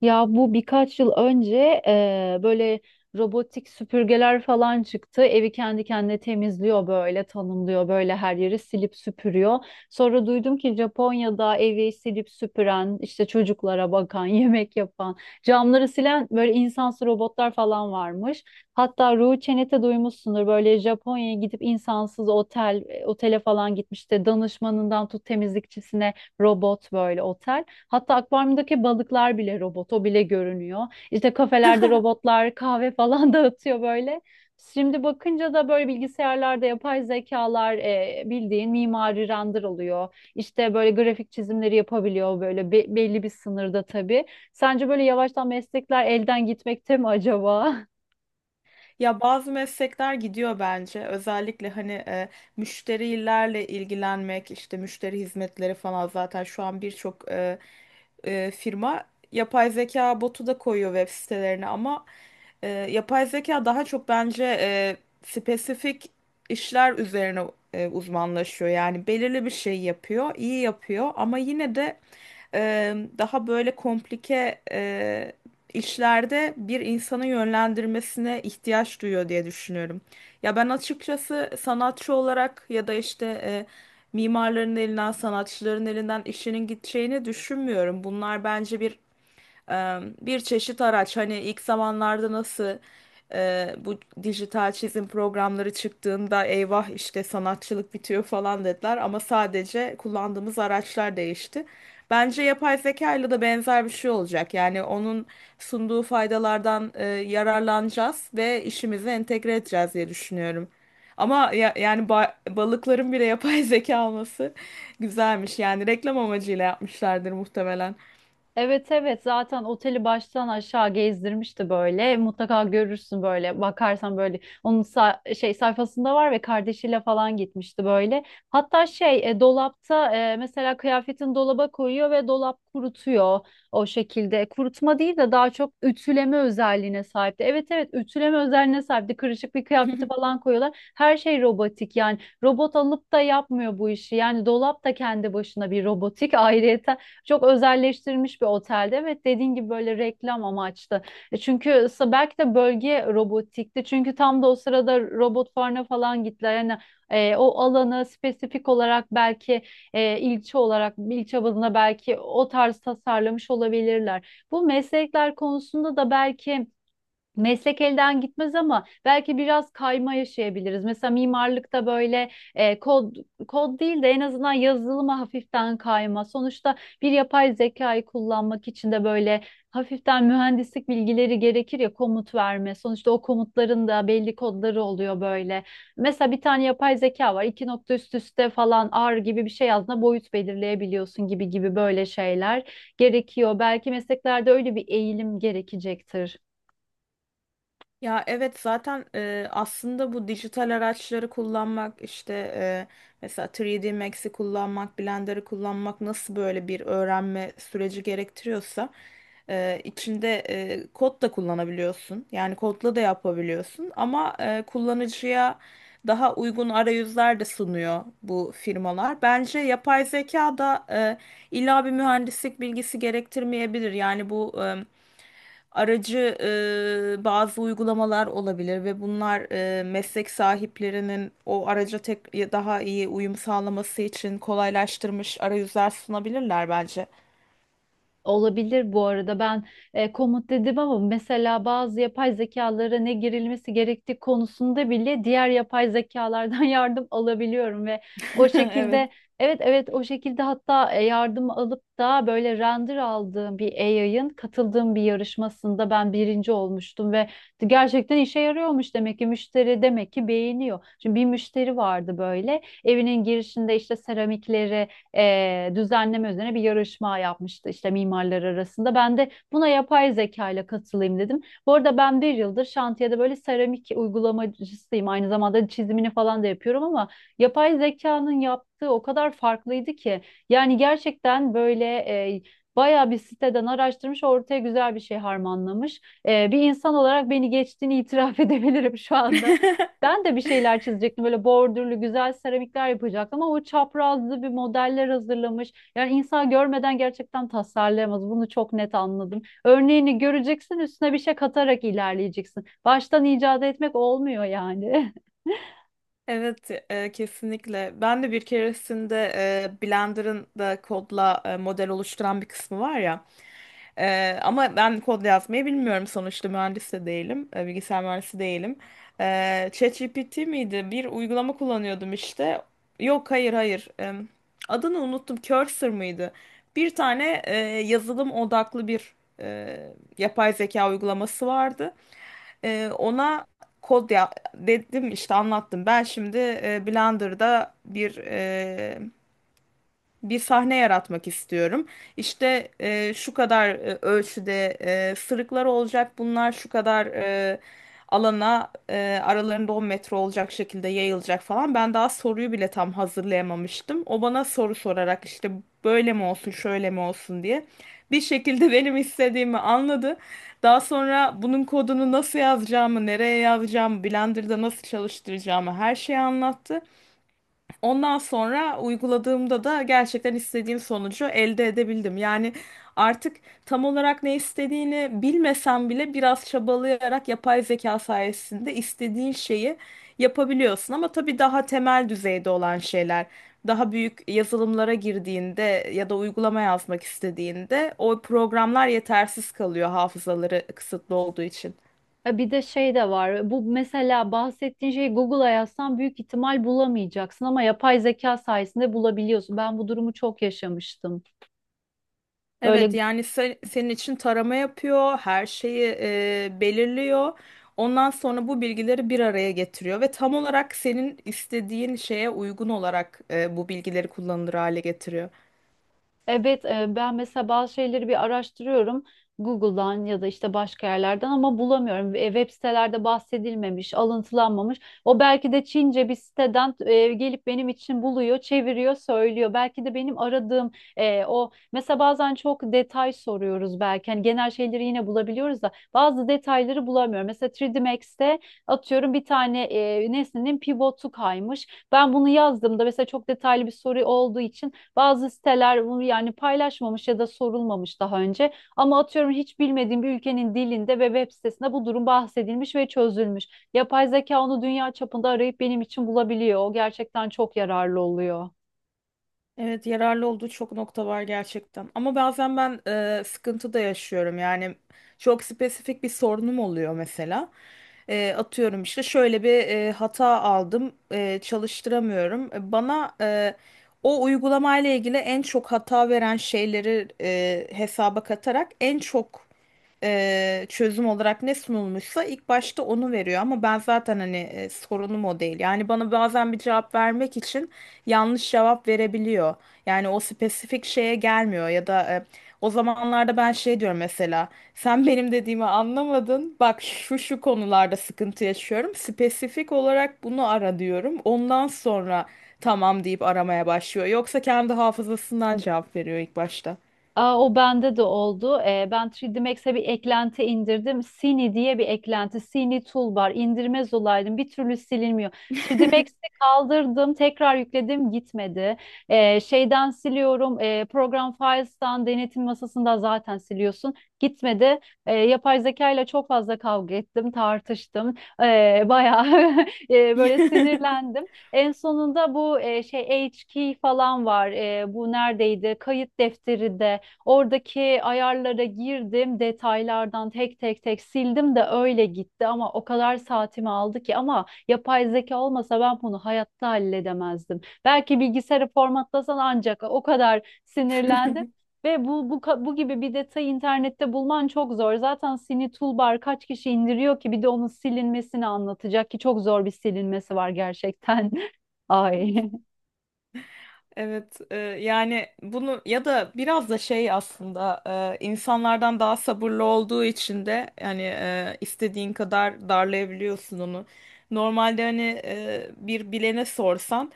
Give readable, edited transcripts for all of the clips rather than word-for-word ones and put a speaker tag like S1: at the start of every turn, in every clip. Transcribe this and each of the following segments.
S1: Ya bu birkaç yıl önce böyle robotik süpürgeler falan çıktı. Evi kendi kendine temizliyor böyle tanımlıyor böyle her yeri silip süpürüyor. Sonra duydum ki Japonya'da evi silip süpüren işte çocuklara bakan yemek yapan camları silen böyle insansı robotlar falan varmış. Hatta Ruhi Çenet'e duymuşsundur böyle Japonya'ya gidip insansız otele falan gitmiş de danışmanından tut temizlikçisine robot böyle otel. Hatta akvaryumdaki balıklar bile robot, o bile görünüyor. İşte kafelerde robotlar kahve falan dağıtıyor böyle. Şimdi bakınca da böyle bilgisayarlarda yapay zekalar bildiğin mimari render oluyor. İşte böyle grafik çizimleri yapabiliyor böyle belli bir sınırda tabii. Sence böyle yavaştan meslekler elden gitmekte mi acaba?
S2: Ya bazı meslekler gidiyor bence. Özellikle hani müşterilerle ilgilenmek, işte müşteri hizmetleri falan zaten şu an birçok firma yapay zeka botu da koyuyor web sitelerine ama yapay zeka daha çok bence spesifik işler üzerine uzmanlaşıyor. Yani belirli bir şey yapıyor, iyi yapıyor ama yine de daha böyle komplike işlerde bir insanı yönlendirmesine ihtiyaç duyuyor diye düşünüyorum. Ya ben açıkçası sanatçı olarak ya da işte mimarların elinden, sanatçıların elinden işinin gideceğini düşünmüyorum. Bunlar bence e, bir çeşit araç. Hani ilk zamanlarda nasıl bu dijital çizim programları çıktığında eyvah işte sanatçılık bitiyor falan dediler ama sadece kullandığımız araçlar değişti. Bence yapay zeka ile de benzer bir şey olacak. Yani onun sunduğu faydalardan yararlanacağız ve işimize entegre edeceğiz diye düşünüyorum. Ama yani balıkların bile yapay zeka olması güzelmiş. Yani reklam amacıyla yapmışlardır muhtemelen.
S1: Evet evet zaten oteli baştan aşağı gezdirmişti böyle. Mutlaka görürsün böyle bakarsan böyle onun sayfasında var ve kardeşiyle falan gitmişti böyle. Hatta dolapta mesela kıyafetin dolaba koyuyor ve dolap kurutuyor o şekilde. Kurutma değil de daha çok ütüleme özelliğine sahipti. Evet evet ütüleme özelliğine sahipti. Kırışık bir kıyafeti falan koyuyorlar. Her şey robotik yani robot alıp da yapmıyor bu işi. Yani dolap da kendi başına bir robotik ayrıyeten. Çok özelleştirilmiş bir otelde. Evet dediğin gibi böyle reklam amaçlı. Çünkü belki de bölge robotikti. Çünkü tam da o sırada robot fuarına falan gittiler. Yani o alanı spesifik olarak belki ilçe olarak ilçe bazında belki o tarz tasarlamış olabilirler. Bu meslekler konusunda da belki meslek elden gitmez ama belki biraz kayma yaşayabiliriz. Mesela mimarlıkta böyle e, kod kod değil de en azından yazılıma hafiften kayma. Sonuçta bir yapay zekayı kullanmak için de böyle hafiften mühendislik bilgileri gerekir ya komut verme. Sonuçta o komutların da belli kodları oluyor böyle. Mesela bir tane yapay zeka var. İki nokta üst üste falan R gibi bir şey yazdığında boyut belirleyebiliyorsun gibi gibi böyle şeyler gerekiyor. Belki mesleklerde öyle bir eğilim gerekecektir.
S2: Ya evet zaten aslında bu dijital araçları kullanmak işte mesela 3D Max'i kullanmak, Blender'ı kullanmak nasıl böyle bir öğrenme süreci gerektiriyorsa içinde kod da kullanabiliyorsun. Yani kodla da yapabiliyorsun ama kullanıcıya daha uygun arayüzler de sunuyor bu firmalar. Bence yapay zeka da illa bir mühendislik bilgisi gerektirmeyebilir. Yani bu aracı bazı uygulamalar olabilir ve bunlar meslek sahiplerinin o araca tek daha iyi uyum sağlaması için kolaylaştırmış arayüzler sunabilirler bence.
S1: Olabilir, bu arada ben komut dedim ama mesela bazı yapay zekalara ne girilmesi gerektiği konusunda bile diğer yapay zekalardan yardım alabiliyorum ve o
S2: Evet.
S1: şekilde, evet evet, o şekilde hatta yardım alıp da böyle render aldığım bir AI'ın katıldığım bir yarışmasında ben birinci olmuştum ve gerçekten işe yarıyormuş, demek ki müşteri demek ki beğeniyor. Şimdi bir müşteri vardı böyle evinin girişinde işte seramikleri düzenleme üzerine bir yarışma yapmıştı işte mimarlar arasında. Ben de buna yapay zeka ile katılayım dedim. Bu arada ben bir yıldır şantiyede böyle seramik uygulamacısıyım. Aynı zamanda çizimini falan da yapıyorum ama yapay zekanın yaptığı o kadar farklıydı ki. Yani gerçekten böyle bayağı bir siteden araştırmış, ortaya güzel bir şey harmanlamış. Bir insan olarak beni geçtiğini itiraf edebilirim şu anda. Ben de bir şeyler çizecektim. Böyle bordürlü güzel seramikler yapacaktım ama o çaprazlı bir modeller hazırlamış. Yani insan görmeden gerçekten tasarlayamaz. Bunu çok net anladım. Örneğini göreceksin, üstüne bir şey katarak ilerleyeceksin. Baştan icat etmek olmuyor yani.
S2: Evet, kesinlikle. Ben de bir keresinde Blender'ın da kodla model oluşturan bir kısmı var ya. Ama ben kod yazmayı bilmiyorum sonuçta mühendis de değilim. Bilgisayar mühendisi değilim. ChatGPT miydi? Bir uygulama kullanıyordum işte. Yok, hayır, hayır. Adını unuttum. Cursor mıydı? Bir tane yazılım odaklı bir e, yapay zeka uygulaması vardı. Ona kod ya dedim işte anlattım. Ben şimdi Blender'da bir sahne yaratmak istiyorum. İşte şu kadar ölçüde sırıklar olacak. Bunlar şu kadar alana aralarında 10 metre olacak şekilde yayılacak falan. Ben daha soruyu bile tam hazırlayamamıştım. O bana soru sorarak işte böyle mi olsun, şöyle mi olsun diye bir şekilde benim istediğimi anladı. Daha sonra bunun kodunu nasıl yazacağımı, nereye yazacağımı, Blender'da nasıl çalıştıracağımı her şeyi anlattı. Ondan sonra uyguladığımda da gerçekten istediğim sonucu elde edebildim. Yani artık tam olarak ne istediğini bilmesem bile biraz çabalayarak yapay zeka sayesinde istediğin şeyi yapabiliyorsun. Ama tabii daha temel düzeyde olan şeyler, daha büyük yazılımlara girdiğinde ya da uygulama yazmak istediğinde o programlar yetersiz kalıyor hafızaları kısıtlı olduğu için.
S1: Ya bir de şey de var. Bu mesela bahsettiğin şeyi Google'a yazsan büyük ihtimal bulamayacaksın ama yapay zeka sayesinde bulabiliyorsun. Ben bu durumu çok yaşamıştım.
S2: Evet,
S1: Böyle
S2: yani senin için tarama yapıyor, her şeyi belirliyor. Ondan sonra bu bilgileri bir araya getiriyor ve tam olarak senin istediğin şeye uygun olarak bu bilgileri kullanılır hale getiriyor.
S1: evet, ben mesela bazı şeyleri bir araştırıyorum Google'dan ya da işte başka yerlerden ama bulamıyorum. Web sitelerde bahsedilmemiş, alıntılanmamış. O belki de Çince bir siteden gelip benim için buluyor, çeviriyor, söylüyor. Belki de benim aradığım o, mesela bazen çok detay soruyoruz belki. Hani genel şeyleri yine bulabiliyoruz da bazı detayları bulamıyorum. Mesela 3D Max'te atıyorum bir tane nesnenin pivotu kaymış. Ben bunu yazdığımda mesela çok detaylı bir soru olduğu için bazı siteler bunu yani paylaşmamış ya da sorulmamış daha önce. Ama atıyorum hiç bilmediğim bir ülkenin dilinde ve web sitesinde bu durum bahsedilmiş ve çözülmüş. Yapay zeka onu dünya çapında arayıp benim için bulabiliyor. O gerçekten çok yararlı oluyor.
S2: Evet, yararlı olduğu çok nokta var gerçekten. Ama bazen ben sıkıntı da yaşıyorum. Yani çok spesifik bir sorunum oluyor mesela. Atıyorum işte şöyle bir hata aldım, çalıştıramıyorum. Bana o uygulamayla ilgili en çok hata veren şeyleri hesaba katarak en çok çözüm olarak ne sunulmuşsa ilk başta onu veriyor ama ben zaten hani sorunum o değil. Yani bana bazen bir cevap vermek için yanlış cevap verebiliyor. Yani o spesifik şeye gelmiyor ya da o zamanlarda ben şey diyorum mesela, sen benim dediğimi anlamadın, bak şu şu konularda sıkıntı yaşıyorum, spesifik olarak bunu ara diyorum, ondan sonra tamam deyip aramaya başlıyor yoksa kendi hafızasından cevap veriyor ilk başta.
S1: Aa, o bende de oldu. Ben 3D Max'e bir eklenti indirdim. Cine diye bir eklenti. Cine Toolbar. İndirmez olaydım. Bir türlü silinmiyor. 3D Max'i kaldırdım. Tekrar yükledim. Gitmedi. Şeyden siliyorum. Program Files'tan denetim masasında zaten siliyorsun. Gitmedi. Yapay zeka ile çok fazla kavga ettim. Tartıştım. Bayağı böyle sinirlendim. En sonunda bu HK falan var. E, bu neredeydi? Kayıt defteri de oradaki ayarlara girdim, detaylardan tek tek sildim de öyle gitti ama o kadar saatimi aldı ki, ama yapay zeka olmasa ben bunu hayatta halledemezdim. Belki bilgisayarı formatlasan ancak, o kadar sinirlendim. Ve bu gibi bir detayı internette bulman çok zor. Zaten Sini Toolbar kaç kişi indiriyor ki bir de onun silinmesini anlatacak ki, çok zor bir silinmesi var gerçekten. Ay
S2: Evet, yani bunu ya da biraz da şey aslında insanlardan daha sabırlı olduğu için de, yani istediğin kadar darlayabiliyorsun onu. Normalde hani bir bilene sorsan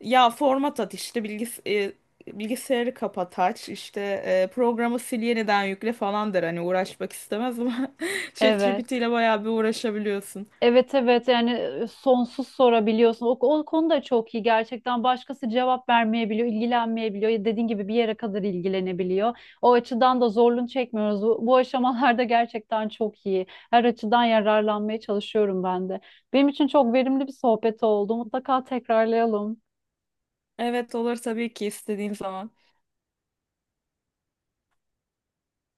S2: ya format at işte bilgisayarı kapat aç işte programı sil yeniden yükle falan der, hani uğraşmak istemez ama ChatGPT
S1: evet.
S2: ile bayağı bir uğraşabiliyorsun.
S1: Evet evet yani sonsuz sorabiliyorsun. O konu da çok iyi gerçekten. Başkası cevap vermeyebiliyor, ilgilenmeyebiliyor. Ya dediğin gibi bir yere kadar ilgilenebiliyor. O açıdan da zorluğunu çekmiyoruz. Bu aşamalarda gerçekten çok iyi. Her açıdan yararlanmaya çalışıyorum ben de. Benim için çok verimli bir sohbet oldu. Mutlaka tekrarlayalım.
S2: Evet, olur tabii ki, istediğin zaman.